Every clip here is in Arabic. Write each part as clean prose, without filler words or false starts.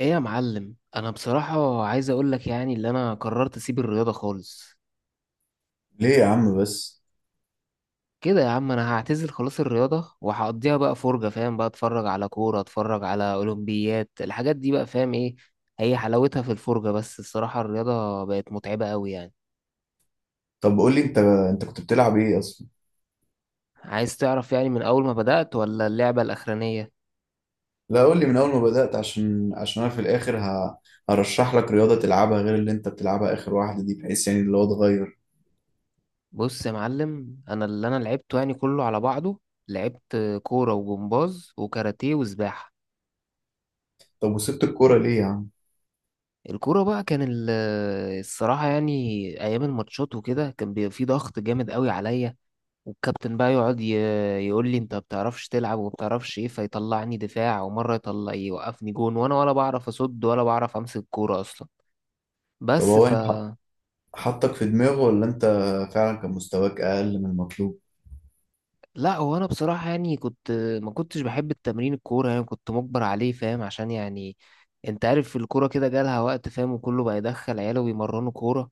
ايه يا معلم، انا بصراحة عايز اقول لك يعني اللي انا قررت اسيب الرياضة خالص. ليه يا عم بس؟ كده يا عم انا هعتزل خلاص الرياضة وهقضيها بقى فرجة. فاهم؟ بقى اتفرج على كورة، اتفرج على اولمبيات، الحاجات دي بقى. فاهم ايه؟ هي حلاوتها في الفرجة بس. الصراحة الرياضة بقت متعبة قوي يعني. طب قول لي، انت كنت بتلعب ايه اصلا؟ عايز تعرف يعني من اول ما بدأت ولا اللعبة الاخرانية؟ لا، قول لي من اول ما بدأت، عشان انا في الاخر هرشح لك رياضة تلعبها غير اللي انت بتلعبها، اخر واحدة دي، بحيث يعني اللي هو اتغير. بص يا معلم، انا اللي انا لعبته يعني كله على بعضه، لعبت كورة وجمباز وكاراتيه وسباحة. طب وسبت الكورة ليه يا عم؟ الكورة بقى كان الصراحة يعني أيام الماتشات وكده كان بيبقى في ضغط جامد قوي عليا. والكابتن بقى يقعد يقول لي أنت بتعرفش تلعب وبتعرفش إيه، فيطلعني دفاع، ومرة يطلع يوقفني جون وأنا ولا بعرف أصد ولا بعرف أمسك كورة أصلا. طب بس. هو انت حطك في دماغه، ولا انت فعلا كان مستواك اقل من المطلوب؟ لا، هو انا بصراحه يعني كنت ما كنتش بحب التمرين الكوره يعني، كنت مجبر عليه، فاهم، عشان يعني انت عارف الكوره كده جالها وقت، فاهم، وكله بقى يدخل عياله ويمرنوا كوره،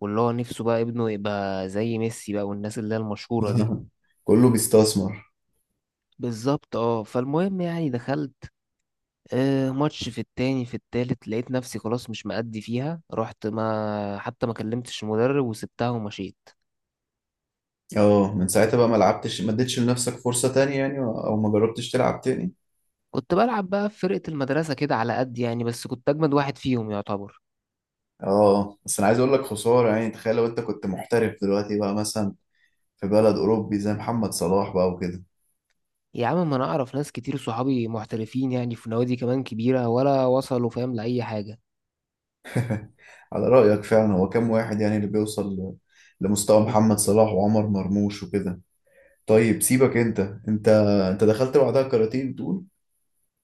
واللي هو نفسه بقى ابنه يبقى زي ميسي بقى، والناس اللي هي المشهوره دي. كله بيستثمر. بالظبط اه. فالمهم يعني دخلت آه ماتش في التاني في التالت، لقيت نفسي خلاص مش مأدي فيها، رحت ما حتى ما كلمتش المدرب وسبتها ومشيت. اه، من ساعتها بقى ما لعبتش، ما اديتش لنفسك فرصة تانية يعني، او ما جربتش تلعب تاني؟ كنت بلعب بقى في فرقه المدرسه كده على قد يعني، بس كنت اجمد واحد فيهم يعتبر. اه، بس انا عايز اقول لك خسارة يعني. تخيل لو انت كنت محترف دلوقتي بقى، مثلا في بلد أوروبي زي محمد صلاح بقى وكده. يا عم ما انا اعرف ناس كتير صحابي محترفين يعني في نوادي كمان كبيرة ولا وصلوا، فاهم، لأي حاجة. على رأيك، فعلا هو كام واحد يعني اللي بيوصل لمستوى محمد صلاح وعمر مرموش وكده؟ طيب سيبك انت. انت انت دخلت بعدها الكاراتيه بتقول؟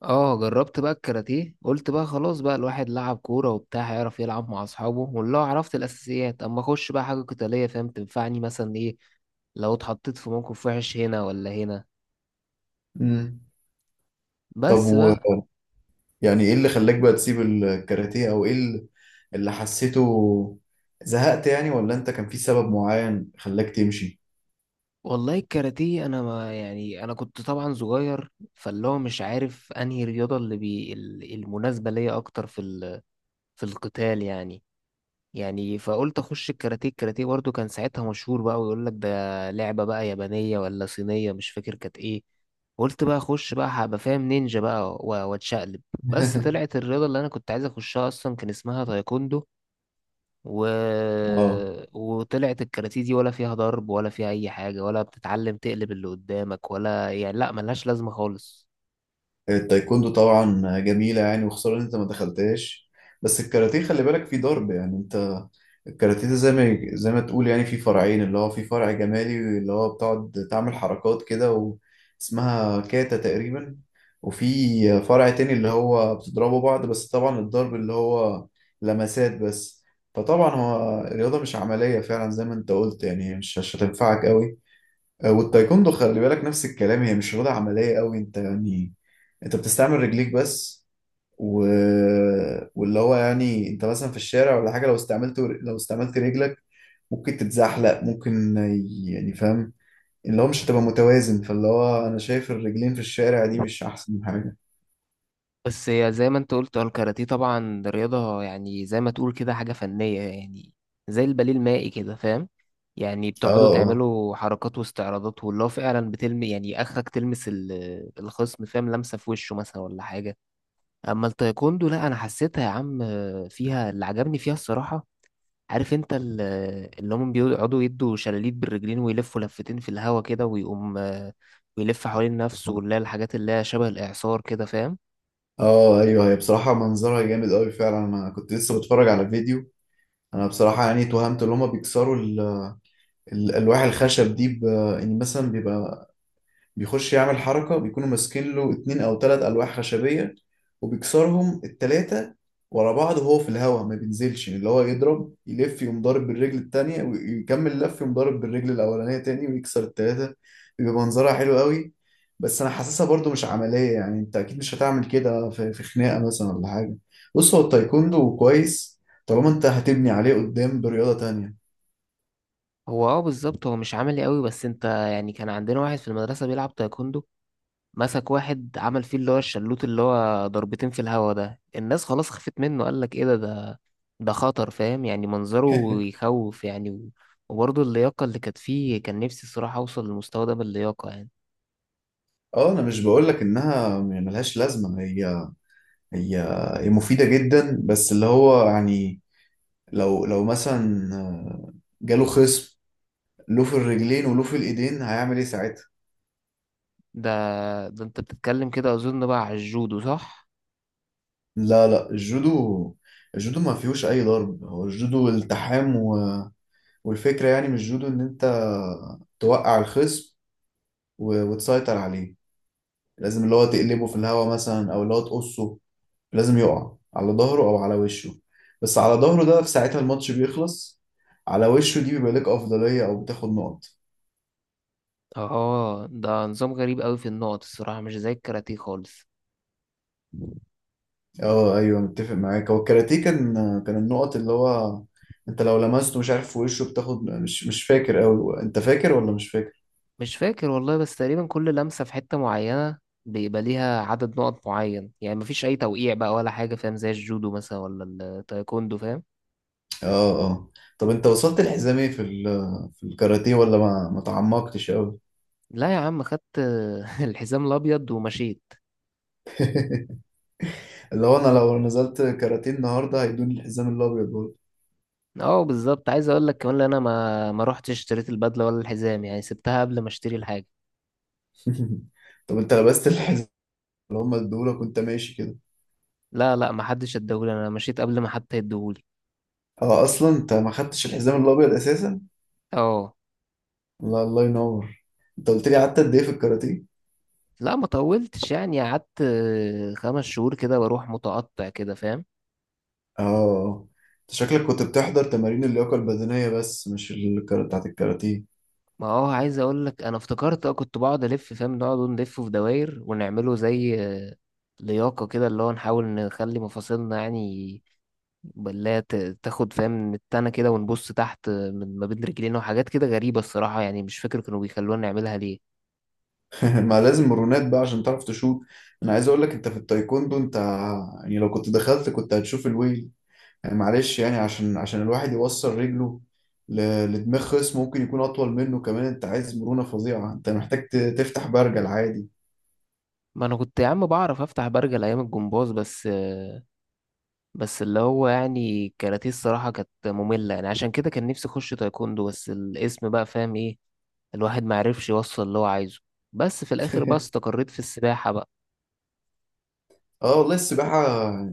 اه جربت بقى الكاراتيه، قلت بقى خلاص بقى الواحد لعب كورة وبتاع هيعرف يلعب مع اصحابه والله، عرفت الاساسيات اما اخش بقى حاجة قتالية، فاهم، تنفعني مثلا ايه لو اتحطيت في موقف وحش هنا ولا هنا. امم. طب بس بقى. يعني ايه اللي خلاك بقى تسيب الكاراتيه، او ايه اللي حسيته؟ زهقت يعني، ولا انت كان في سبب معين خلاك تمشي؟ والله الكاراتيه انا ما يعني انا كنت طبعا صغير، فاللي هو مش عارف انهي رياضه اللي بي المناسبه ليا اكتر في في القتال يعني. يعني فقلت اخش الكاراتيه. الكاراتيه برضه كان ساعتها مشهور بقى، ويقول لك ده لعبة بقى يابانية ولا صينية، مش فاكر كانت ايه. قلت بقى اخش بقى هبقى فاهم نينجا بقى واتشقلب. بس طلعت الرياضة اللي انا كنت عايز اخشها اصلا كان اسمها تايكوندو و... اه. وطلعت الكاراتيه دي ولا فيها ضرب ولا فيها اي حاجة ولا بتتعلم تقلب اللي قدامك، ولا يعني لا ملهاش لازمة خالص. التايكوندو طبعا جميلة يعني، وخسارة ان انت ما دخلتهاش. بس الكاراتيه خلي بالك فيه ضرب يعني، انت. الكاراتيه زي ما تقول يعني في فرعين، اللي هو في فرع جمالي اللي هو بتقعد تعمل حركات كده اسمها كاتا تقريبا. وفي فرع تاني اللي هو بتضربوا بعض، بس طبعا الضرب اللي هو لمسات بس. فطبعا هو الرياضة مش عملية فعلا، زي ما انت قلت يعني، هي مش هتنفعك قوي. والتايكوندو خلي بالك نفس الكلام، هي مش رياضة عملية قوي، انت يعني. انت بتستعمل رجليك بس و... واللي هو يعني انت مثلا في الشارع ولا حاجه، لو استعملت رجلك، ممكن تتزحلق، ممكن يعني فاهم. اللي هو مش هتبقى متوازن، فاللي هو انا شايف الرجلين في الشارع دي مش احسن حاجه. بس هي زي ما انت قلت، هو الكاراتيه طبعا رياضة يعني، زي ما تقول كده حاجة فنية يعني، زي الباليه المائي كده، فاهم. يعني اه، بتقعدوا اه. تعملوا حركات واستعراضات، واللي هو فعلا بتلمي يعني، اخرك تلمس الخصم، فاهم، لمسة في وشه مثلا ولا حاجة. اما التايكوندو لا انا حسيتها يا عم، فيها اللي عجبني فيها الصراحة. عارف انت اللي هم بيقعدوا يدوا شلاليت بالرجلين ويلفوا لفتين في الهوا كده، ويقوم ويلف حوالين نفسه، واللي هي الحاجات اللي هي شبه الإعصار كده، فاهم. اه ايوه، هي بصراحه منظرها جامد قوي فعلا، انا كنت لسه بتفرج على فيديو. انا بصراحه يعني توهمت ان هما بيكسروا الالواح الخشب دي يعني مثلا بيبقى بيخش يعمل حركة، بيكونوا ماسكين له اتنين أو تلات ألواح خشبية، وبيكسرهم التلاتة ورا بعض، وهو في الهواء ما بينزلش، اللي هو يضرب يلف يقوم ضارب بالرجل التانية، ويكمل لف يقوم ضارب بالرجل الأولانية تاني ويكسر التلاتة. بيبقى منظرها حلو قوي. بس أنا حاسسها برضو مش عملية يعني، أنت أكيد مش هتعمل كده في خناقة مثلا ولا حاجة. بص، هو التايكوندو كويس، طالما أنت هتبني عليه قدام برياضة تانية. هو اه بالظبط، هو مش عملي قوي، بس انت يعني كان عندنا واحد في المدرسة بيلعب تايكوندو، مسك واحد عمل فيه اللي هو الشلوت اللي هو ضربتين في الهوا ده، الناس خلاص خفت منه، قال لك ايه ده ده خطر، فاهم، يعني منظره يخوف يعني وبرضه اللياقة اللي كانت فيه كان نفسي الصراحة اوصل للمستوى ده باللياقة يعني. اه، انا مش بقولك انها يعني ملهاش لازمه، هي هي مفيدة جدا. بس اللي هو يعني لو مثلا، جاله خصم، له في الرجلين وله في الايدين، هيعمل ايه ساعتها؟ ده انت بتتكلم كده اظن بقى على الجودو، صح؟ لا، لا، الجودو ما فيهوش اي ضرب. هو الجودو التحام و.... والفكرة يعني من الجودو ان انت توقع الخصم وتسيطر عليه. لازم اللي هو تقلبه في الهوا مثلا، او اللي هو تقصه. لازم يقع على ظهره او على وشه. بس على ظهره ده في ساعتها الماتش بيخلص. على وشه دي بيبقى لك افضلية، او بتاخد نقط. اه ده نظام غريب قوي في النقط الصراحة مش زي الكاراتيه خالص. اه ايوه، متفق معاك. هو الكاراتيه كان النقط اللي هو، انت لو لمسته مش عارف في وشه بتاخد، مش فاكر اوي. انت فاكر ولا مش فاكر؟ مش فاكر والله، بس تقريبا كل لمسة في حتة معينة بيبقى ليها عدد نقط معين يعني، مفيش أي توقيع بقى ولا حاجة، فاهم، زي الجودو مثلا ولا التايكوندو، فاهم. اه، اه، طب انت وصلت للحزام ايه في الكاراتيه، ولا ما تعمقتش قوي؟ لا يا عم، خدت الحزام الأبيض ومشيت. اللي هو انا لو نزلت كاراتيه النهارده، هيدوني الحزام الابيض برضه. اه بالظبط، عايز أقول لك كمان إن أنا ما روحتش اشتريت البدلة ولا الحزام يعني، سبتها قبل ما اشتري الحاجة. طب انت لبست الحزام اللي هم ادولك وانت ماشي كده؟ لا لا، ما حدش اداهولي، أنا مشيت قبل ما حتى يديهولي. اه، اصلا انت ما خدتش الحزام الابيض اساسا. اه. لا، الله ينور. انت قلت لي قعدت قد ايه في الكاراتيه؟ لا ما طولتش يعني، قعدت 5 شهور كده بروح متقطع كده، فاهم. اه، انت شكلك كنت بتحضر تمارين اللياقة البدنية بس، مش الكرة بتاعت الكاراتيه. ما هو عايز اقول لك، انا افتكرت اه كنت بقعد الف، فاهم، نقعد نلفه في دواير، ونعمله زي لياقه كده اللي هو نحاول نخلي مفاصلنا يعني بلا تاخد، فاهم، من التانة كده، ونبص تحت من ما بين رجلينا، وحاجات كده غريبة الصراحة يعني، مش فاكر كانوا بيخلونا نعملها ليه. ما لازم مرونات بقى عشان تعرف تشوط. انا عايز اقول لك انت في التايكوندو، انت يعني لو كنت دخلت كنت هتشوف الويل. يعني معلش يعني، عشان الواحد يوصل رجله لدماغ خصم ممكن يكون اطول منه كمان، انت عايز مرونة فظيعة، انت محتاج تفتح برجل عادي. ما انا كنت يا عم بعرف افتح برجل ايام الجمباز بس بس اللي هو يعني الكاراتيه الصراحة كانت مملة يعني، عشان كده كان نفسي اخش تايكوندو، بس الاسم بقى، فاهم ايه، الواحد ما عرفش يوصل اللي هو عايزه. بس في الاخر بقى استقريت في السباحة بقى. اه والله، السباحة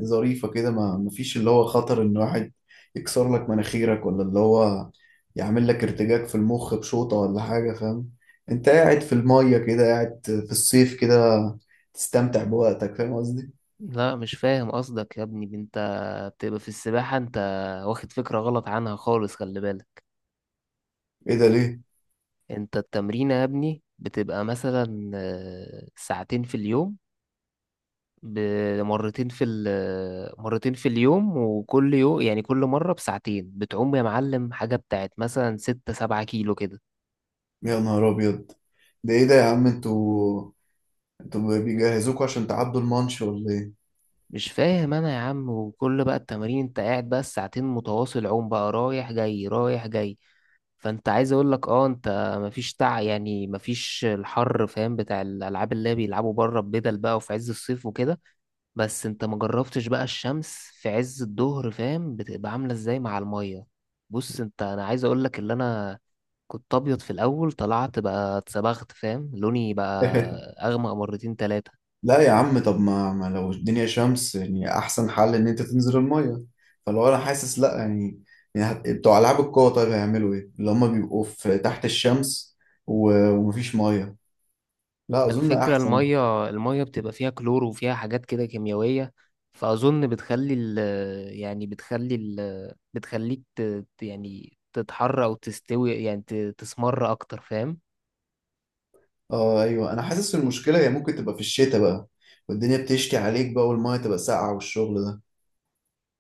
ظريفة كده، ما مفيش اللي هو خطر ان واحد يكسر لك مناخيرك، ولا اللي هو يعمل لك ارتجاج في المخ بشوطة ولا حاجة، فاهم؟ انت قاعد في المية كده، قاعد في الصيف كده، تستمتع بوقتك، فاهم قصدي؟ لا مش فاهم قصدك يا ابني انت، بتبقى في السباحة انت واخد فكرة غلط عنها خالص، خلي بالك. ايه ده، ليه؟ انت التمرين يا ابني بتبقى مثلا ساعتين في اليوم، بمرتين في ال آه، مرتين في اليوم، وكل يوم يعني كل مرة بساعتين بتعوم يا معلم حاجة بتاعت مثلا 6-7 كيلو كده. يا نهار ابيض! ده ايه ده يا عم؟ انتوا بيجهزوكوا عشان تعدوا المانش ولا ايه؟ مش فاهم انا يا عم وكل بقى التمارين انت قاعد بقى الساعتين متواصل عوم بقى، رايح جاي رايح جاي. فانت عايز اقول لك اه انت مفيش تع يعني مفيش الحر، فاهم، بتاع الالعاب اللي بيلعبوا بره ببدل بقى وفي عز الصيف وكده. بس انت ما جربتش بقى الشمس في عز الظهر، فاهم، بتبقى عامله ازاي مع الميه. بص انت، انا عايز اقول لك اللي انا كنت ابيض في الاول، طلعت بقى اتصبغت، فاهم، لوني بقى اغمق مرتين تلاتة. لا يا عم، طب ما لو الدنيا شمس يعني، احسن حل ان انت تنزل الميه. فلو انا حاسس، لا يعني، يعني بتوع العاب القوه، طيب هيعملوا ايه اللي هم بيبقوا في تحت الشمس ومفيش ميه؟ لا، ما اظن الفكرة احسن. المية بتبقى فيها كلور وفيها حاجات كده كيميائية، فأظن بتخلي ال يعني بتخلي ال بتخليك تتحر أو تستوي يعني تسمر أكتر، فاهم؟ اه ايوه، انا حاسس المشكله هي ممكن تبقى في الشتاء بقى، والدنيا بتشتي عليك بقى، والميه تبقى ساقعه والشغل ده.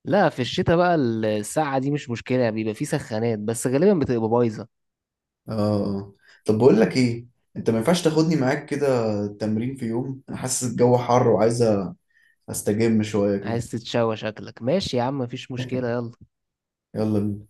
لا في الشتاء بقى الساعة دي مش مشكلة، بيبقى فيه سخانات بس غالبا بتبقى بايظة. اه. آه. طب بقول لك ايه، انت ما ينفعش تاخدني معاك كده تمرين في يوم انا حاسس الجو حر وعايز استجم شويه كده؟ عايز تتشوى شكلك، ماشي يا عم مفيش مشكلة، يلا. يلا بينا.